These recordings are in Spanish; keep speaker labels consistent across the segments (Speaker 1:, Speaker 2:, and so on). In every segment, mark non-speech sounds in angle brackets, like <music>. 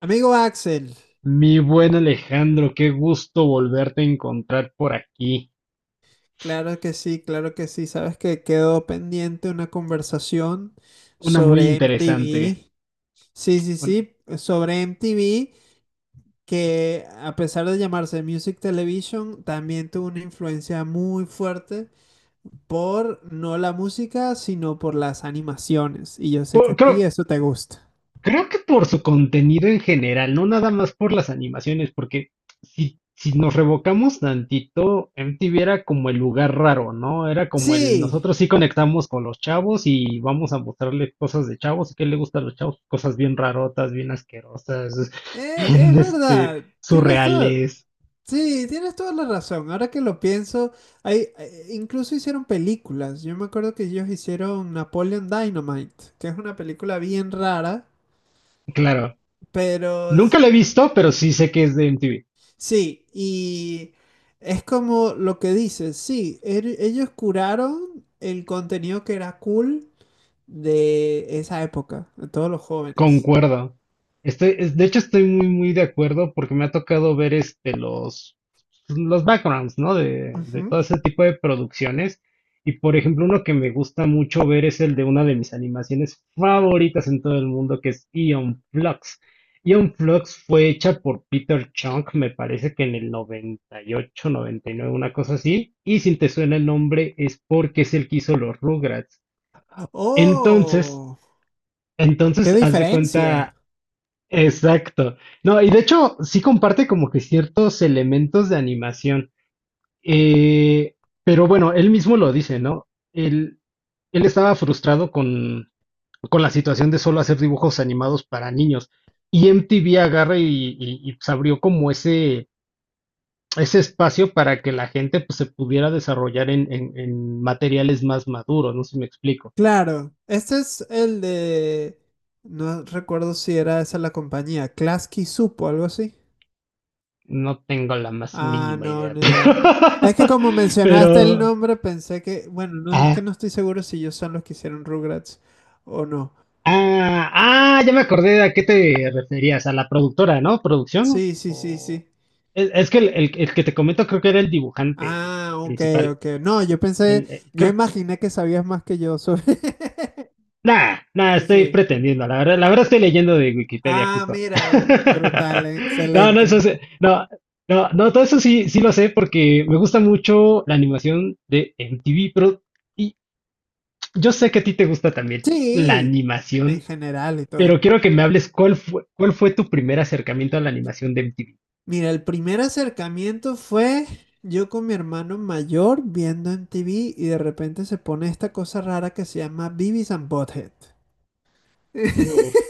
Speaker 1: Amigo Axel,
Speaker 2: Mi buen Alejandro, qué gusto volverte a encontrar por aquí.
Speaker 1: claro que sí, claro que sí. Sabes que quedó pendiente una conversación
Speaker 2: Una muy
Speaker 1: sobre
Speaker 2: interesante.
Speaker 1: MTV. Sí, sí,
Speaker 2: Un-
Speaker 1: sí, sobre MTV, que a pesar de llamarse Music Television, también tuvo una influencia muy fuerte por no la música, sino por las animaciones. Y yo sé que
Speaker 2: por-
Speaker 1: a ti
Speaker 2: creo,
Speaker 1: eso te gusta.
Speaker 2: Creo que por su contenido en general, no nada más por las animaciones, porque si nos revocamos tantito, MTV era como el lugar raro, ¿no? Era como el
Speaker 1: Sí,
Speaker 2: nosotros sí conectamos con los chavos y vamos a mostrarle cosas de chavos y qué le gusta a los chavos, cosas bien rarotas, bien asquerosas, <laughs> bien
Speaker 1: es verdad. Tienes todo.
Speaker 2: surreales.
Speaker 1: Sí, tienes toda la razón. Ahora que lo pienso, hay, incluso hicieron películas. Yo me acuerdo que ellos hicieron Napoleon Dynamite, que es una película bien rara,
Speaker 2: Claro.
Speaker 1: pero
Speaker 2: Nunca
Speaker 1: s-
Speaker 2: lo he visto, pero sí sé que es de MTV.
Speaker 1: sí, y es como lo que dices, sí, ellos curaron el contenido que era cool de esa época, de todos los jóvenes.
Speaker 2: Concuerdo. De hecho, estoy muy, muy de acuerdo porque me ha tocado ver los backgrounds, ¿no? De
Speaker 1: Ujú.
Speaker 2: todo ese tipo de producciones. Y por ejemplo, uno que me gusta mucho ver es el de una de mis animaciones favoritas en todo el mundo, que es Eon Flux. Eon Flux fue hecha por Peter Chung, me parece que en el 98, 99, una cosa así. Y si te suena el nombre es porque es el que hizo los Rugrats. Entonces,
Speaker 1: Oh, qué
Speaker 2: Entonces, haz de
Speaker 1: diferencia.
Speaker 2: cuenta, exacto. No, y de hecho, sí comparte como que ciertos elementos de animación. Eh, pero bueno, él mismo lo dice, ¿no? Él, él estaba frustrado con la situación de solo hacer dibujos animados para niños. Y MTV agarra y pues, abrió como ese espacio para que la gente pues, se pudiera desarrollar en materiales más maduros, no sé si me explico.
Speaker 1: Claro, este es el de. No recuerdo si era esa la compañía, Klasky Supo, algo así.
Speaker 2: No tengo la más
Speaker 1: Ah,
Speaker 2: mínima
Speaker 1: no,
Speaker 2: idea,
Speaker 1: ni idea. Es que
Speaker 2: <laughs>
Speaker 1: como
Speaker 2: pero...
Speaker 1: mencionaste el nombre, pensé que. Bueno, no, es que
Speaker 2: Ah,
Speaker 1: no estoy seguro si ellos son los que hicieron Rugrats o no.
Speaker 2: ah, ah, ya me acordé a qué te referías, a la productora, ¿no? ¿Producción?
Speaker 1: Sí, sí, sí,
Speaker 2: O...
Speaker 1: sí.
Speaker 2: Es que el que te comento creo que era el dibujante,
Speaker 1: Ah,
Speaker 2: el
Speaker 1: ok,
Speaker 2: principal.
Speaker 1: ok. No, yo pensé,
Speaker 2: El, eh,
Speaker 1: yo
Speaker 2: creo-
Speaker 1: imaginé que sabías más que yo sobre. <laughs>
Speaker 2: Nah, nah,
Speaker 1: Pero
Speaker 2: estoy
Speaker 1: sí.
Speaker 2: pretendiendo, la verdad estoy leyendo de Wikipedia
Speaker 1: Ah,
Speaker 2: justo.
Speaker 1: mira, brutal,
Speaker 2: <laughs> No, no,
Speaker 1: excelente.
Speaker 2: no, no, no, todo eso sí, sí lo sé porque me gusta mucho la animación de MTV, pero... Yo sé que a ti te gusta también la
Speaker 1: Sí, en
Speaker 2: animación,
Speaker 1: general y
Speaker 2: pero
Speaker 1: todo.
Speaker 2: quiero que me hables cuál fue tu primer acercamiento a la animación de MTV.
Speaker 1: Mira, el primer acercamiento fue yo con mi hermano mayor viendo en TV y de repente se pone esta cosa rara que se llama Beavis and Butthead. <laughs>
Speaker 2: Uf,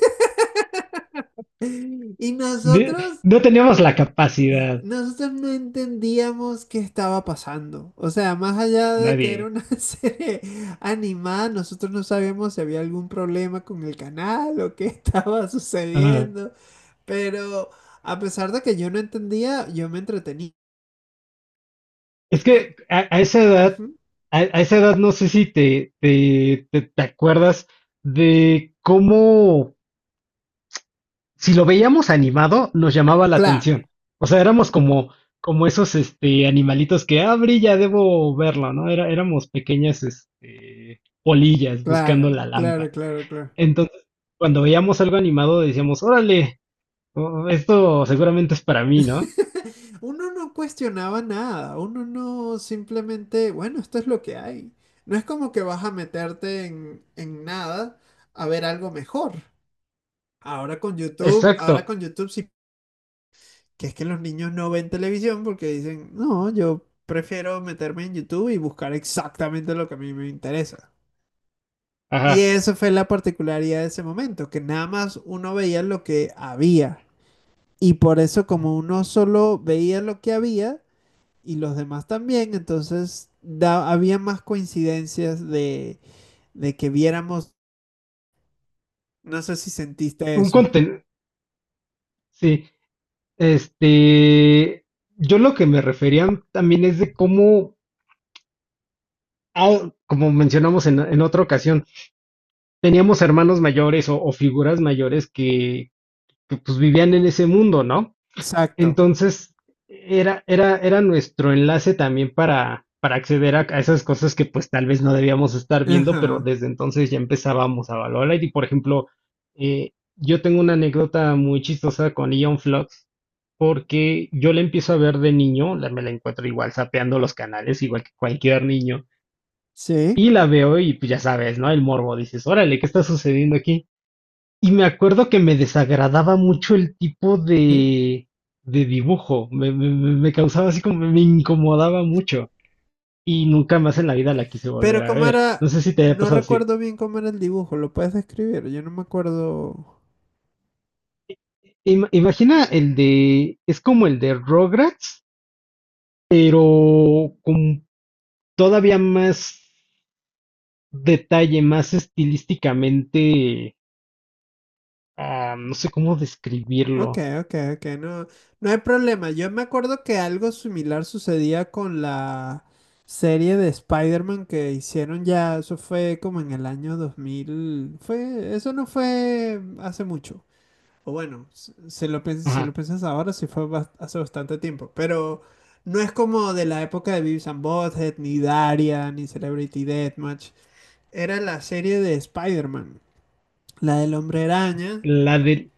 Speaker 1: Y
Speaker 2: de-
Speaker 1: nosotros,
Speaker 2: no teníamos la capacidad,
Speaker 1: nosotros no entendíamos qué estaba pasando. O sea, más allá de que era
Speaker 2: nadie.
Speaker 1: una <laughs> serie animada, nosotros no sabíamos si había algún problema con el canal o qué <laughs> estaba
Speaker 2: Ajá.
Speaker 1: sucediendo. Pero a pesar de que yo no entendía, yo me entretenía.
Speaker 2: Es que a, a esa edad,
Speaker 1: Ujú.
Speaker 2: a, a esa edad no sé si te acuerdas de cómo si lo veíamos animado, nos llamaba la
Speaker 1: Claro.
Speaker 2: atención. O sea, éramos como esos animalitos que, ah, brilla, debo verlo, ¿no? Era, éramos pequeñas polillas
Speaker 1: Claro,
Speaker 2: buscando la
Speaker 1: claro,
Speaker 2: lámpara.
Speaker 1: claro, claro.
Speaker 2: Entonces, cuando veíamos algo animado, decíamos, órale, oh, esto seguramente es para mí, ¿no?
Speaker 1: <laughs> Uno no cuestionaba nada, uno no simplemente, bueno, esto es lo que hay. No es como que vas a meterte en nada a ver algo mejor. Ahora
Speaker 2: Exacto.
Speaker 1: con YouTube sí, que es que los niños no ven televisión porque dicen, no, yo prefiero meterme en YouTube y buscar exactamente lo que a mí me interesa. Y
Speaker 2: Ajá.
Speaker 1: eso fue la particularidad de ese momento, que nada más uno veía lo que había. Y por eso como uno solo veía lo que había y los demás también, entonces había más coincidencias de que viéramos, no sé si sentiste
Speaker 2: Un
Speaker 1: eso.
Speaker 2: contenido. Sí. Este. Yo lo que me refería también es de cómo, ah, como mencionamos en otra ocasión, teníamos hermanos mayores o figuras mayores que pues vivían en ese mundo, ¿no?
Speaker 1: Exacto.
Speaker 2: Entonces era nuestro enlace también para acceder a esas cosas que pues tal vez no debíamos estar viendo, pero
Speaker 1: Ajá.
Speaker 2: desde entonces ya empezábamos a valorar. Y por ejemplo, yo tengo una anécdota muy chistosa con Ion Flux, porque yo la empiezo a ver de niño, me la encuentro igual sapeando los canales, igual que cualquier niño.
Speaker 1: Sí.
Speaker 2: Y la veo y pues ya sabes, ¿no? El morbo, dices, órale, ¿qué está sucediendo aquí? Y me acuerdo que me desagradaba mucho el tipo
Speaker 1: <laughs>
Speaker 2: de dibujo. Me causaba así como, me incomodaba mucho. Y nunca más en la vida la quise volver
Speaker 1: Pero
Speaker 2: a
Speaker 1: cómo
Speaker 2: ver. No
Speaker 1: era,
Speaker 2: sé si te haya
Speaker 1: no
Speaker 2: pasado así.
Speaker 1: recuerdo bien cómo era el dibujo, ¿lo puedes describir? Yo no me acuerdo.
Speaker 2: Imagina el de, es como el de Rugrats, pero con todavía más detalle, más estilísticamente, no sé cómo
Speaker 1: Ok,
Speaker 2: describirlo.
Speaker 1: ok, ok, no, no hay problema. Yo me acuerdo que algo similar sucedía con la serie de Spider-Man que hicieron ya, eso fue como en el año 2000. Eso no fue hace mucho. O bueno, si lo
Speaker 2: Ajá.
Speaker 1: piensas ahora, sí fue hace bastante tiempo, pero no es como de la época de Beavis and Butthead, ni Daria, ni Celebrity Deathmatch. Era la serie de Spider-Man, la del Hombre Araña.
Speaker 2: La de,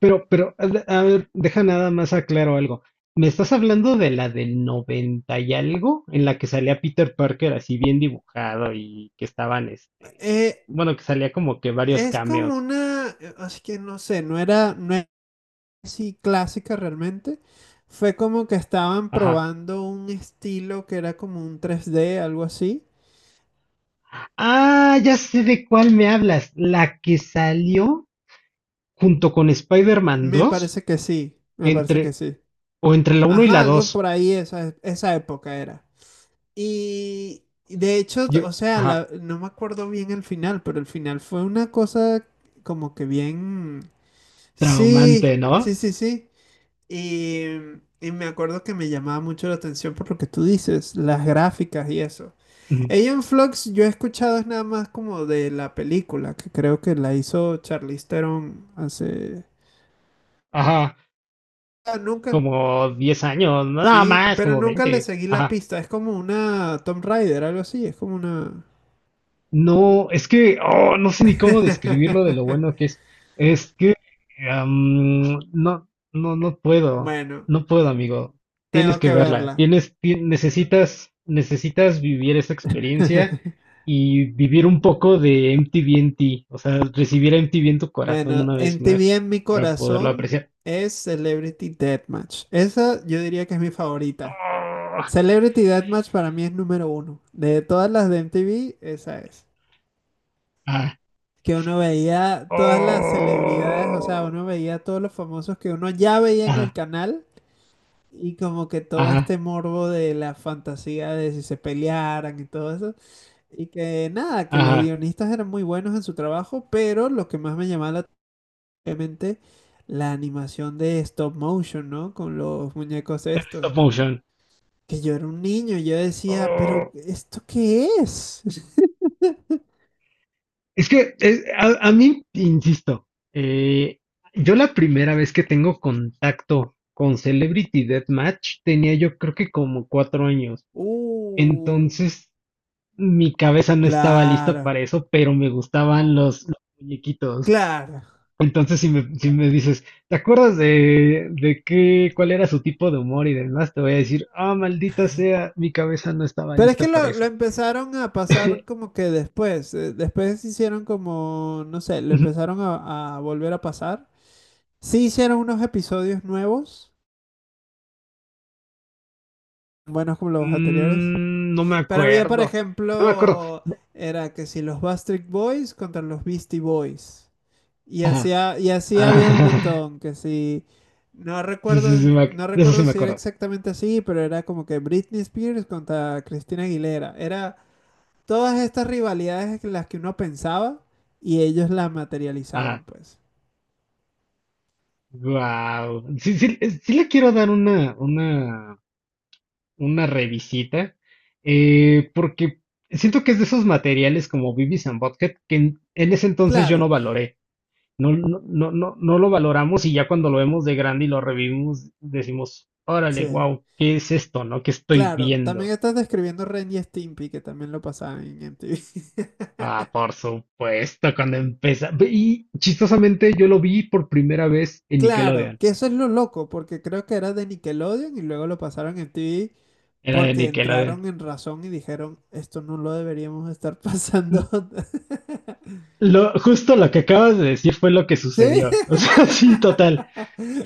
Speaker 2: pero, a ver, deja nada más aclaro algo. ¿Me estás hablando de la del 90 y algo? En la que salía Peter Parker así bien dibujado y que estaban,
Speaker 1: Eh,
Speaker 2: bueno, que salía como que varios
Speaker 1: Es como
Speaker 2: cameos.
Speaker 1: una, así que no sé, no era así clásica realmente. Fue como que estaban
Speaker 2: Ajá.
Speaker 1: probando un estilo que era como un 3D algo así.
Speaker 2: Ah, ya sé de cuál me hablas. La que salió junto con Spider-Man
Speaker 1: Me
Speaker 2: 2,
Speaker 1: parece que sí, me parece que
Speaker 2: entre,
Speaker 1: sí.
Speaker 2: o entre la uno y
Speaker 1: Ajá,
Speaker 2: la
Speaker 1: algo
Speaker 2: dos.
Speaker 1: por ahí, esa época era. Y de hecho,
Speaker 2: Yo,
Speaker 1: o sea,
Speaker 2: ajá,
Speaker 1: no me acuerdo bien el final, pero el final fue una cosa como que bien. Sí,
Speaker 2: traumante,
Speaker 1: sí,
Speaker 2: ¿no?
Speaker 1: sí, sí. Y, y me acuerdo que me llamaba mucho la atención por lo que tú dices, las gráficas y eso.
Speaker 2: Ujú.
Speaker 1: Ella Flux yo he escuchado es nada más como de la película, que creo que la hizo Charlize Theron hace.
Speaker 2: Ajá,
Speaker 1: Ah, nunca.
Speaker 2: como 10 años, no, nada
Speaker 1: Sí,
Speaker 2: más,
Speaker 1: pero
Speaker 2: como
Speaker 1: nunca le
Speaker 2: 20.
Speaker 1: seguí la
Speaker 2: Ajá.
Speaker 1: pista. Es como una Tomb Raider, algo así. Es como una.
Speaker 2: No, es que no sé ni cómo describirlo de lo
Speaker 1: <laughs>
Speaker 2: bueno que es. Es que no, no, no puedo,
Speaker 1: Bueno,
Speaker 2: no puedo, amigo. Tienes,
Speaker 1: tengo
Speaker 2: que
Speaker 1: que
Speaker 2: verla.
Speaker 1: verla.
Speaker 2: Necesitas vivir esa experiencia
Speaker 1: <laughs>
Speaker 2: y vivir un poco de MTV en ti, o sea, recibir a MTV en tu corazón
Speaker 1: Bueno,
Speaker 2: una vez
Speaker 1: en
Speaker 2: más
Speaker 1: TV en mi
Speaker 2: para poderlo
Speaker 1: corazón
Speaker 2: apreciar.
Speaker 1: es Celebrity Deathmatch. Esa yo diría que es mi favorita.
Speaker 2: Oh,
Speaker 1: Celebrity Deathmatch para mí es número 1. De todas las de MTV, esa es.
Speaker 2: ah,
Speaker 1: Que uno veía todas las celebridades, o sea,
Speaker 2: oh,
Speaker 1: uno veía todos los famosos que uno ya veía en el
Speaker 2: ajá,
Speaker 1: canal y como que todo
Speaker 2: ajá,
Speaker 1: este morbo de la fantasía de si se pelearan y todo eso. Y que nada, que los
Speaker 2: ajá.
Speaker 1: guionistas eran muy buenos en su trabajo, pero lo que más me llamaba la atención obviamente la animación de stop motion, ¿no? Con los muñecos estos.
Speaker 2: Stop motion.
Speaker 1: Que yo era un niño, yo decía, pero
Speaker 2: ¡Oh!
Speaker 1: ¿esto qué es?
Speaker 2: A mí, insisto, eh, yo la primera vez que tengo contacto con Celebrity Deathmatch tenía yo creo que como 4 años.
Speaker 1: Uh,
Speaker 2: Entonces mi cabeza no estaba lista
Speaker 1: claro,
Speaker 2: para eso, pero me gustaban los muñequitos.
Speaker 1: claro.
Speaker 2: Entonces si me dices, ¿te acuerdas de cuál era su tipo de humor y demás? Te voy a decir, ah, maldita sea, mi cabeza no estaba
Speaker 1: Pero es que
Speaker 2: lista para
Speaker 1: lo
Speaker 2: eso.
Speaker 1: empezaron a pasar
Speaker 2: <laughs>
Speaker 1: como que después, después hicieron como, no sé, lo empezaron a volver a pasar. Sí hicieron unos episodios nuevos, buenos como los anteriores.
Speaker 2: No me
Speaker 1: Pero había, por
Speaker 2: acuerdo, no me acuerdo.
Speaker 1: ejemplo, era que si los Backstreet Boys contra los Beastie Boys. Y así,
Speaker 2: Ajá.
Speaker 1: ha- y así había un
Speaker 2: Ah,
Speaker 1: montón, que si
Speaker 2: <laughs> sí, sí, sí,
Speaker 1: no
Speaker 2: de eso sí
Speaker 1: recuerdo
Speaker 2: me
Speaker 1: si era
Speaker 2: acuerdo.
Speaker 1: exactamente así, pero era como que Britney Spears contra Cristina Aguilera. Era todas estas rivalidades las que uno pensaba y ellos las materializaban,
Speaker 2: Ajá.
Speaker 1: pues.
Speaker 2: Wow. Sí, sí, sí le quiero dar una revisita, porque siento que es de esos materiales como Beavis and Butthead que en ese entonces yo no
Speaker 1: Claro,
Speaker 2: valoré. No, no, no, no, no lo valoramos y ya cuando lo vemos de grande y lo revivimos, decimos, órale,
Speaker 1: sí,
Speaker 2: wow, ¿qué es esto, no? ¿Qué estoy
Speaker 1: claro. También
Speaker 2: viendo?
Speaker 1: estás describiendo Ren y Stimpy, que también lo pasaban en MTV. <laughs>
Speaker 2: Ah, por supuesto, cuando empieza. Y chistosamente yo lo vi por primera vez en
Speaker 1: Claro,
Speaker 2: Nickelodeon.
Speaker 1: que eso es lo loco, porque creo que era de Nickelodeon y luego lo pasaron en MTV.
Speaker 2: Era de
Speaker 1: Porque
Speaker 2: Nickelodeon.
Speaker 1: entraron en razón y dijeron, esto no lo deberíamos estar pasando. <laughs>
Speaker 2: Justo lo que acabas de decir fue lo que
Speaker 1: ¿Sí?
Speaker 2: sucedió. O sea, <laughs> sí, total.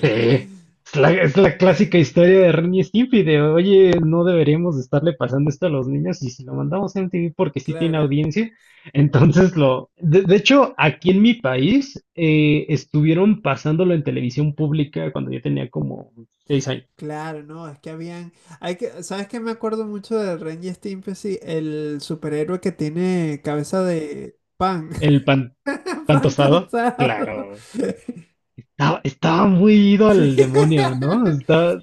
Speaker 2: Sí. Es la clásica historia de Ren y Stimpy de, oye, no deberíamos estarle pasando esto a los niños y si lo mandamos a MTV porque sí tiene
Speaker 1: Claro,
Speaker 2: audiencia, entonces. De hecho, aquí en mi país estuvieron pasándolo en televisión pública cuando yo tenía como 6 años.
Speaker 1: claro, no, es que habían, hay que, ¿sabes qué? Me acuerdo mucho de Ren y Stimpy, sí, el superhéroe que tiene cabeza de pan,
Speaker 2: El pan,
Speaker 1: <laughs>
Speaker 2: pan
Speaker 1: pan
Speaker 2: tostado,
Speaker 1: tostado.
Speaker 2: claro.
Speaker 1: <laughs>
Speaker 2: Estaba muy ido
Speaker 1: Sí.
Speaker 2: al demonio, ¿no?
Speaker 1: <laughs>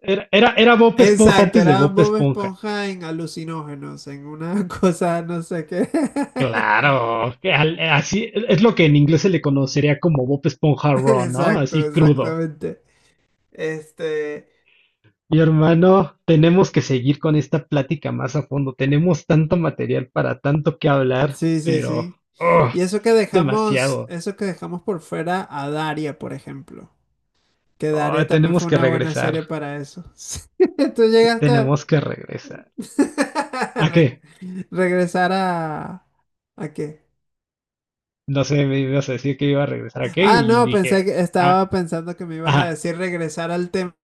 Speaker 2: Era Bob Esponja
Speaker 1: Exacto,
Speaker 2: antes de
Speaker 1: era
Speaker 2: Bob
Speaker 1: Bob
Speaker 2: Esponja.
Speaker 1: Esponja en alucinógenos, en una <laughs> cosa, no sé qué. <laughs>
Speaker 2: Claro, que así es lo que en inglés se le conocería como Bob Esponja
Speaker 1: <laughs>
Speaker 2: Raw, ¿no?
Speaker 1: Exacto,
Speaker 2: Así crudo.
Speaker 1: exactamente. Este,
Speaker 2: Mi hermano, tenemos que seguir con esta plática más a fondo. Tenemos tanto material para tanto que hablar,
Speaker 1: sí, sí,
Speaker 2: pero
Speaker 1: sí.
Speaker 2: oh,
Speaker 1: Y
Speaker 2: demasiado.
Speaker 1: eso que dejamos por fuera a Daria, por ejemplo. Que
Speaker 2: Oh,
Speaker 1: Daria también
Speaker 2: tenemos
Speaker 1: fue
Speaker 2: que
Speaker 1: una buena
Speaker 2: regresar.
Speaker 1: serie para eso. <laughs> Sí, tú llegaste a
Speaker 2: Tenemos que regresar.
Speaker 1: <laughs>
Speaker 2: ¿A qué?
Speaker 1: re- regresar a. ¿A qué?
Speaker 2: No sé, me ibas a decir que iba a regresar a qué
Speaker 1: Ah,
Speaker 2: y
Speaker 1: no,
Speaker 2: dije
Speaker 1: pensé
Speaker 2: a
Speaker 1: que
Speaker 2: qué. Ah,
Speaker 1: estaba pensando que me ibas a
Speaker 2: ajá,
Speaker 1: decir regresar al tema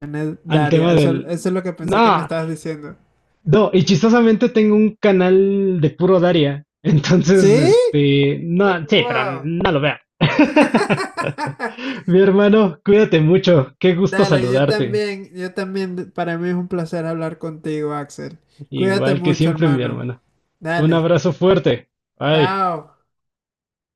Speaker 1: de
Speaker 2: al
Speaker 1: Daria.
Speaker 2: tema
Speaker 1: Eso,
Speaker 2: del...
Speaker 1: eso es lo que pensé que me
Speaker 2: No,
Speaker 1: estabas diciendo.
Speaker 2: No, y chistosamente tengo un canal de puro Daria. <laughs> Entonces,
Speaker 1: ¿Sí? Oh,
Speaker 2: no, sí, pero
Speaker 1: wow.
Speaker 2: no lo veo. <laughs>
Speaker 1: <laughs>
Speaker 2: Mi hermano, cuídate mucho. Qué gusto
Speaker 1: Dale,
Speaker 2: saludarte.
Speaker 1: yo también, para mí es un placer hablar contigo, Axel. Cuídate
Speaker 2: Igual que
Speaker 1: mucho,
Speaker 2: siempre, mi
Speaker 1: hermano.
Speaker 2: hermano. Un
Speaker 1: Dale,
Speaker 2: abrazo fuerte. Bye.
Speaker 1: chao.